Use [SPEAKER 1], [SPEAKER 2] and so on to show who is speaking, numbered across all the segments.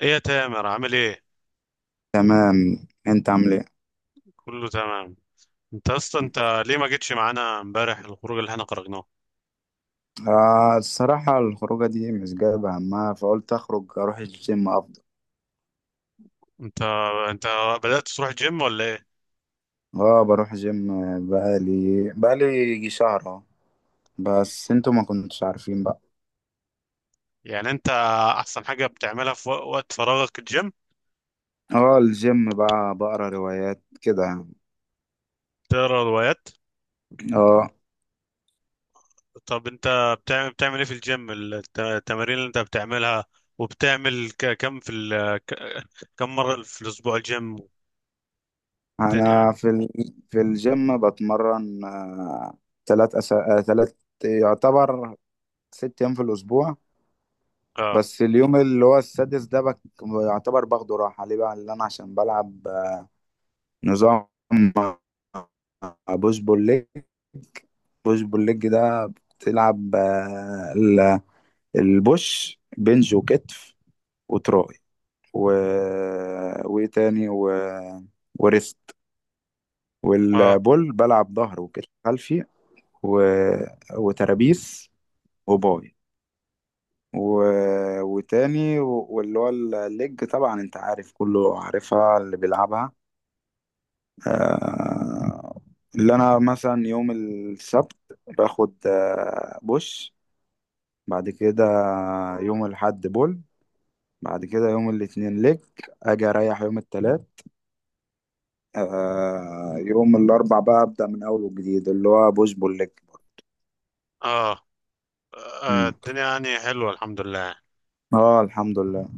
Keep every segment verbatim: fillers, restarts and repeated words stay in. [SPEAKER 1] ايه يا تامر؟ عامل ايه؟
[SPEAKER 2] تمام، انت عامل ايه؟
[SPEAKER 1] كله تمام. انت اصلا، انت ليه ما جيتش معانا امبارح الخروج اللي احنا خرجناه؟
[SPEAKER 2] آه، الصراحة الخروجة دي مش جايبة همها، فقلت اخرج اروح الجيم افضل.
[SPEAKER 1] انت انت بدأت تروح جيم ولا ايه؟
[SPEAKER 2] اه، بروح جيم. بقالي بقالي يجي شهر اهو. بس انتوا ما كنتش عارفين بقى.
[SPEAKER 1] يعني انت احسن حاجة بتعملها في وق- وقت فراغك الجيم؟
[SPEAKER 2] اه، الجيم بقى بقرا روايات كده يعني.
[SPEAKER 1] تقرا روايات؟
[SPEAKER 2] اه،
[SPEAKER 1] طب انت بتعمل بتعمل ايه في الجيم؟ ال- الت- التمارين اللي انت بتعملها؟ وبتعمل ك- كم في ال... ك- كم مرة في الاسبوع الجيم والدنيا يعني؟
[SPEAKER 2] انا في ال... في الجيم بتمرن آه تلات أس... آه تلات، يعتبر ست ايام في الاسبوع.
[SPEAKER 1] اه،
[SPEAKER 2] بس اليوم اللي هو السادس ده بك... يعتبر باخده راحة، ليه بقى؟ اللي انا عشان بلعب نظام مع بوش بول ليج بوش بول ليج ده بتلعب، آه، ال- البوش بنج وكتف وتراي و... وايه تاني و... وريست.
[SPEAKER 1] اه،
[SPEAKER 2] والبول بلعب ظهر وكتف خلفي و... وترابيس وباي و... وتاني و... واللي هو الليج، طبعا انت عارف كله عارفها اللي بيلعبها. آه، اللي انا مثلا يوم السبت باخد آه، بوش. بعد كده يوم الاحد بول. بعد كده يوم الاثنين ليج. اجي اريح يوم الثلاث. آه يوم الاربع بقى ابدا من اول وجديد، اللي هو بوش بول ليج.
[SPEAKER 1] اه، آه،
[SPEAKER 2] مم.
[SPEAKER 1] الدنيا يعني حلوة، الحمد لله يعني.
[SPEAKER 2] اه، الحمد لله.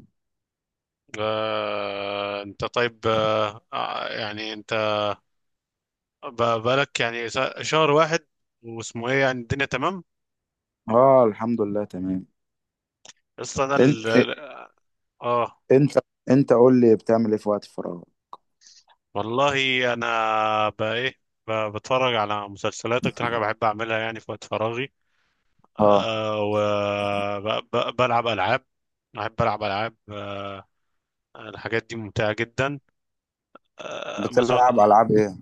[SPEAKER 1] آه، انت طيب؟ آه، آه، يعني انت ب- بقالك يعني س- شهر واحد واسمه ايه، يعني الدنيا تمام؟
[SPEAKER 2] اه، الحمد لله تمام.
[SPEAKER 1] اصل انا ال...
[SPEAKER 2] انت
[SPEAKER 1] اه.
[SPEAKER 2] انت انت قول لي بتعمل ايه في وقت الفراغ؟
[SPEAKER 1] والله انا بقى ايه، ب- بتفرج على مسلسلات، اكتر حاجه بحب اعملها يعني في وقت فراغي.
[SPEAKER 2] اه،
[SPEAKER 1] أه، وبلعب العاب، بحب العب العاب. أه، الحاجات دي ممتعه جدا. أه، مثلا
[SPEAKER 2] بتلعب العاب ايه؟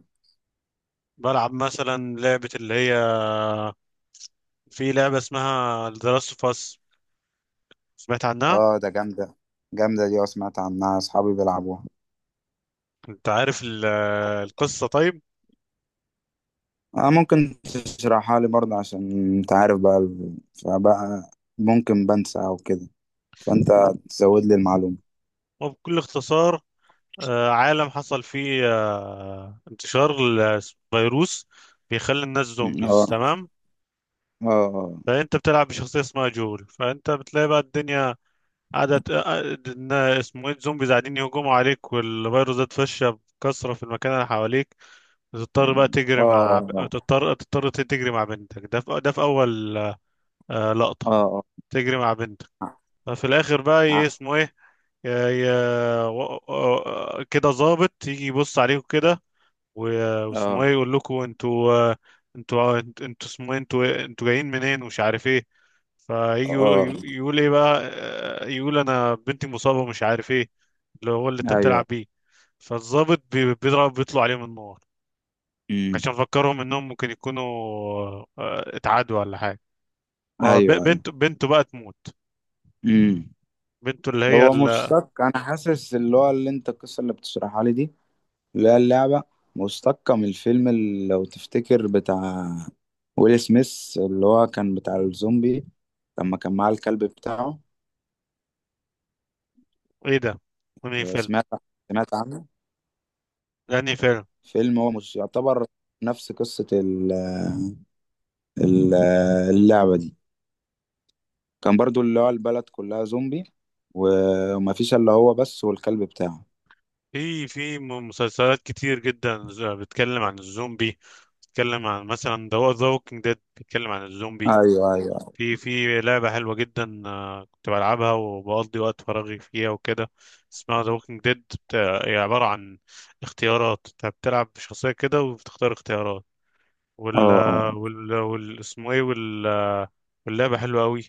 [SPEAKER 1] بلعب مثلا لعبه، اللي هي في لعبه اسمها The Last of Us، سمعت عنها؟
[SPEAKER 2] اه، ده جامده، جامده دي، اه سمعت عنها، اصحابي بيلعبوها.
[SPEAKER 1] انت عارف ال- القصة؟ طيب،
[SPEAKER 2] آه، ممكن تشرحها لي برضه، عشان انت عارف بقى، ال- فبقى ممكن بنسى او كده، فانت تزود لي المعلومة.
[SPEAKER 1] وبكل اختصار، آه، عالم حصل فيه آه، انتشار الفيروس بيخلي الناس
[SPEAKER 2] م-
[SPEAKER 1] زومبيز،
[SPEAKER 2] آه.
[SPEAKER 1] تمام؟
[SPEAKER 2] اه،
[SPEAKER 1] فانت بتلعب بشخصية اسمها جول. فانت بتلاقي بقى الدنيا قاعدة، آه، إن اسمه ايه، الزومبيز قاعدين يهجموا عليك والفيروس ده اتفشى بكثرة في المكان اللي حواليك. تضطر بقى تجري مع،
[SPEAKER 2] اه،
[SPEAKER 1] تضطر تضطر تجري مع بنتك. ده في... ده في اول آه،
[SPEAKER 2] اه،
[SPEAKER 1] لقطة
[SPEAKER 2] اه،
[SPEAKER 1] تجري مع بنتك. ففي الاخر بقى
[SPEAKER 2] اه،
[SPEAKER 1] ايه،
[SPEAKER 2] اه،
[SPEAKER 1] اسمه ايه، يا يا و- و- كده ظابط يجي يبص عليكم كده، و- واسمه ايه،
[SPEAKER 2] اه،
[SPEAKER 1] يقول لكم انتوا آه، انتوا انتوا انتوا اسمه ايه، انتوا انتوا جايين منين ومش عارف ايه. فيجي
[SPEAKER 2] آه.
[SPEAKER 1] يقول يقول ايه بقى، آه، يقول انا بنتي مصابة ومش عارف ايه، اللي هو اللي انت
[SPEAKER 2] ايوه.
[SPEAKER 1] بتلعب بيه. فالظابط بي- بيضرب، بيطلع عليهم النار
[SPEAKER 2] م-
[SPEAKER 1] عشان فكرهم انهم ممكن يكونوا آه، اتعادوا ولا حاجة.
[SPEAKER 2] ايوه، ايوه.
[SPEAKER 1] فبنته بنته بقى تموت.
[SPEAKER 2] امم
[SPEAKER 1] بنته اللي هي
[SPEAKER 2] هو
[SPEAKER 1] ال-
[SPEAKER 2] مشتق، انا حاسس اللي هو اللي انت القصه اللي بتشرحها لي دي، اللي هي اللعبه، مشتقه من الفيلم اللي لو تفتكر، بتاع ويل سميث، اللي هو كان بتاع الزومبي، لما كان معاه الكلب بتاعه.
[SPEAKER 1] ايه ده؟ انهي فيلم؟
[SPEAKER 2] سمعت سمعت عنه.
[SPEAKER 1] ده انهي فيلم؟
[SPEAKER 2] فيلم هو مش يعتبر نفس قصة ال- ال- اللعبة دي. كان برضو اللي هو البلد كلها زومبي، و- ومفيش الا هو بس والكلب بتاعه.
[SPEAKER 1] في في م- مسلسلات كتير جدا ز- بتتكلم عن الزومبي، بتتكلم عن مثلا ذا ووكينج ديد، بتتكلم عن الزومبي.
[SPEAKER 2] ايوه، ايوه.
[SPEAKER 1] في في لعبة حلوة جدا آه، كنت بلعبها وبقضي وقت فراغي فيها وكده، اسمها ذا ووكينج ديد. هي عبارة عن اختيارات، انت بتلعب بشخصية كده وبتختار اختيارات. وال
[SPEAKER 2] اه، اه،
[SPEAKER 1] وال وال اسمه ايه، وال واللعبة حلوة قوي.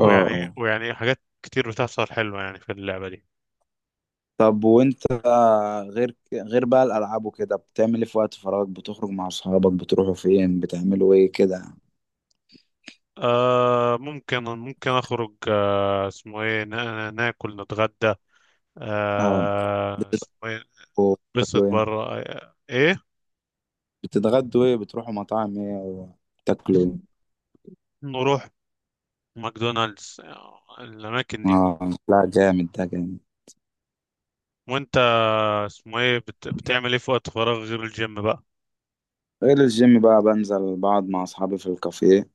[SPEAKER 2] اه، اه.
[SPEAKER 1] ويعني حاجات كتير بتحصل حلوة يعني في اللعبة دي.
[SPEAKER 2] طب وانت، غير ك- غير بقى الالعاب وكده، بتعمل ايه في وقت فراغك؟ بتخرج مع اصحابك، بتروحوا فين، بتعملوا ايه كده؟
[SPEAKER 1] آه، ممكن ممكن اخرج، اسمه ايه، نا- ناكل، نتغدى،
[SPEAKER 2] اه،
[SPEAKER 1] آه،
[SPEAKER 2] بتتغدوا؟
[SPEAKER 1] اسمه ايه، بسط
[SPEAKER 2] بتاكلوا ايه؟
[SPEAKER 1] بره آه، ايه.
[SPEAKER 2] بتتغدوا ايه؟ بتروحوا مطاعم ايه وتاكلوا ايه؟
[SPEAKER 1] نروح ماكدونالدز آه، الاماكن دي.
[SPEAKER 2] اه لا، جامد ده، جامد.
[SPEAKER 1] وانت اسمه ايه، بت... بتعمل ايه في وقت فراغ غير الجيم بقى؟
[SPEAKER 2] غير الجيم بقى، بنزل بقعد مع أصحابي في الكافيه.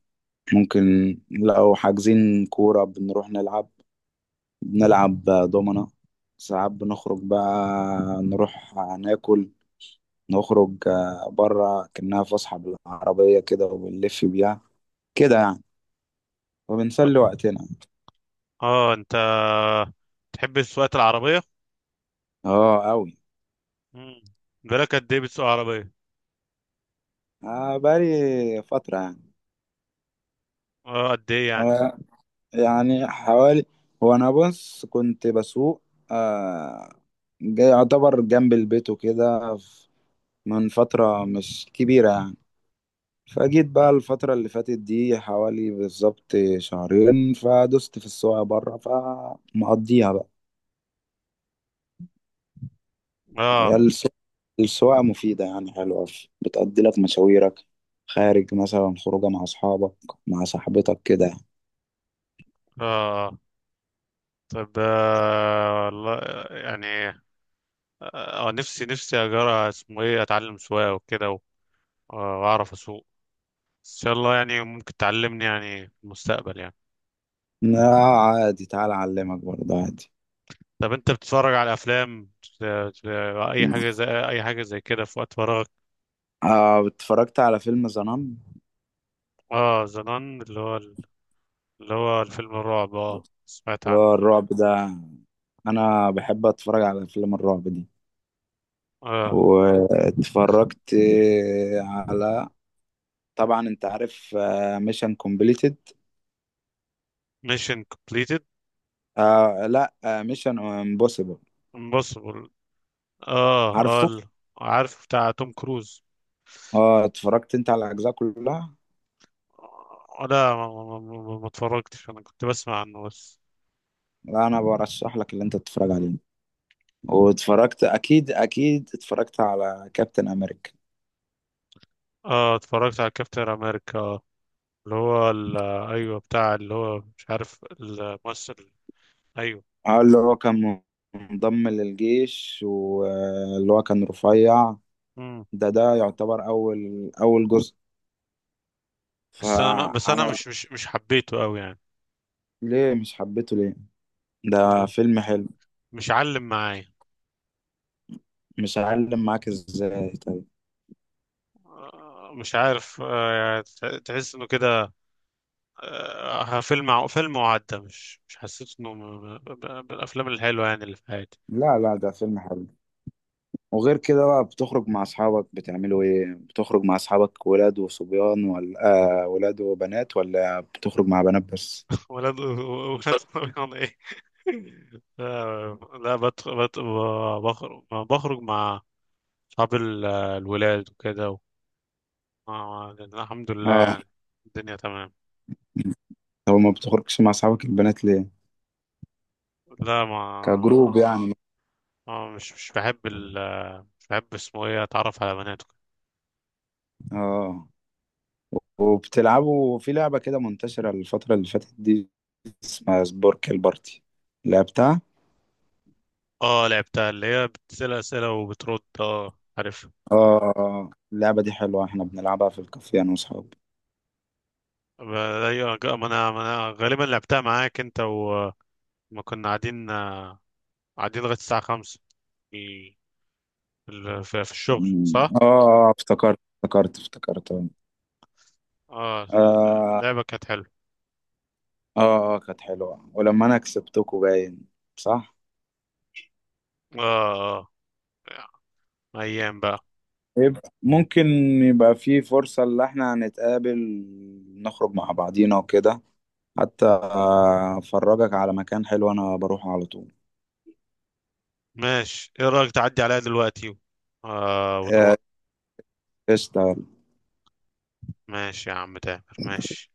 [SPEAKER 2] ممكن لو حاجزين كورة بنروح نلعب، بنلعب دومنا. ساعات بنخرج بقى، نروح ناكل، نخرج بره كأنها فسحة بالعربية كده، وبنلف بيها كده يعني، وبنسلي وقتنا.
[SPEAKER 1] اه. انت تحب سواقة العربية؟
[SPEAKER 2] اه أوي.
[SPEAKER 1] مم. بالك قد ايه بتسوق عربية؟
[SPEAKER 2] آه، بقالي فترة يعني.
[SPEAKER 1] اه قد ايه يعني؟
[SPEAKER 2] آه، يعني حوالي، هو أنا بص كنت بسوق، آه، جاي يعتبر جنب البيت وكده من فترة مش كبيرة يعني. فجيت بقى الفترة اللي فاتت دي، حوالي بالظبط شهرين، فدست في السواقة بره، فمقضيها بقى. هي
[SPEAKER 1] اه،
[SPEAKER 2] السو- السواقة مفيدة يعني، حلوة، بتقضي لك مشاويرك، خارج مثلا خروجة مع أصحابك، مع صاحبتك كده.
[SPEAKER 1] اه، طب آه، والله يعني اه، آه، نفسي نفسي اجرى اسمه ايه، اتعلم سواقة وكده و آه، واعرف اسوق. بس ان شاء الله يعني ممكن تعلمني يعني في المستقبل يعني.
[SPEAKER 2] لا عادي، تعال أعلمك برضه عادي.
[SPEAKER 1] طب انت بتتفرج على افلام بت- بت- اي حاجه زي اي حاجه زي كده في وقت فراغك؟
[SPEAKER 2] آه، اتفرجت على فيلم زنان،
[SPEAKER 1] اه، زنان؟ اللي هو اللي هو الفيلم الرعب، اه سمعت
[SPEAKER 2] اللي
[SPEAKER 1] عنه.
[SPEAKER 2] هو الرعب ده. أنا بحب أتفرج على فيلم الرعب دي.
[SPEAKER 1] اه،
[SPEAKER 2] واتفرجت على، طبعا انت عارف، ميشن كومبليتد.
[SPEAKER 1] ميشن كومبليتد،
[SPEAKER 2] آه لا، ميشن امبوسيبل.
[SPEAKER 1] امبوسيبل، اه اه
[SPEAKER 2] عارفه.
[SPEAKER 1] ال- عارف، بتاع توم كروز.
[SPEAKER 2] اه، اتفرجت انت على الاجزاء كلها؟
[SPEAKER 1] آه، لا، ما, ما, ما, ما ما اتفرجتش، انا كنت بسمع عنه بس.
[SPEAKER 2] لا، انا برشح لك اللي انت تتفرج عليه. واتفرجت اكيد، اكيد اتفرجت على كابتن امريكا،
[SPEAKER 1] اه، اتفرجت على كابتن امريكا آه، اللي هو ال- ايوه، بتاع اللي هو مش عارف الممثل، ايوه.
[SPEAKER 2] اه، اللي هو كان منضم للجيش، واللي هو كان رفيع. ده ده يعتبر اول اول جزء،
[SPEAKER 1] بس انا بس انا
[SPEAKER 2] فعمل.
[SPEAKER 1] مش مش مش حبيته قوي يعني،
[SPEAKER 2] ليه مش حبيته ليه؟ ده فيلم حلو.
[SPEAKER 1] مش علم معايا.
[SPEAKER 2] مش هعلم معاك ازاي طيب؟
[SPEAKER 1] آه، مش عارف آه، يعني تح- تحس انه كده آه، فيلم ع- فيلم وعدى، مش مش حسيت انه من من الافلام الحلوه يعني اللي في حياتي.
[SPEAKER 2] لا، لا، ده فيلم حلو. وغير كده بقى، بتخرج مع اصحابك بتعملوا ايه؟ بتخرج مع اصحابك ولاد وصبيان، ولا آه ولاد وبنات، ولا بتخرج مع بنات بس؟
[SPEAKER 1] ولاد، ولاد رمضان ايه. آه، لا بدخل، بخرج بخرج مع اصحاب ال- الولاد وكده و آه، الحمد لله
[SPEAKER 2] اه
[SPEAKER 1] يعني، الدنيا تمام.
[SPEAKER 2] طب، ما بتخرجش مع اصحابك البنات ليه،
[SPEAKER 1] لا ما،
[SPEAKER 2] كجروب يعني؟
[SPEAKER 1] اه مش مش بحب ال مش بحب اسمه ايه اتعرف على بنات وكده.
[SPEAKER 2] اه، وبتلعبوا في لعبة كده منتشرة الفترة اللي فاتت دي، اسمها سبورك البارتي، لعبتها.
[SPEAKER 1] اه، لعبتها، اللي هي بتسأل أسئلة وبترد، اه عارف.
[SPEAKER 2] اه، آه. اللعبة دي حلوة، احنا بنلعبها في الكافيه انا واصحابي.
[SPEAKER 1] ما أيوة، ج- ما انا ما انا غالبا لعبتها معاك انت وما كنا قاعدين آه، قاعدين لغاية الساعة خمسة في ال- في في الشغل،
[SPEAKER 2] مم.
[SPEAKER 1] صح؟
[SPEAKER 2] اه. آه، افتكرت، افتكرت، افتكرت.
[SPEAKER 1] اه،
[SPEAKER 2] آه.
[SPEAKER 1] لعبة كانت حلوة،
[SPEAKER 2] اه، اه، كانت حلوة، ولما انا كسبتكوا باين. صح؟
[SPEAKER 1] اه اه. ايام بقى.
[SPEAKER 2] يبقى ممكن، يبقى في فرصة اللي احنا هنتقابل نخرج مع بعضينا وكده، حتى آه، افرجك على مكان حلو انا بروح على طول.
[SPEAKER 1] ماشي، ايه رأيك تعدي عليها دلوقتي و آه، ونروح.
[SPEAKER 2] آه، قشطة.
[SPEAKER 1] ماشي يا عم تامر، ماشي.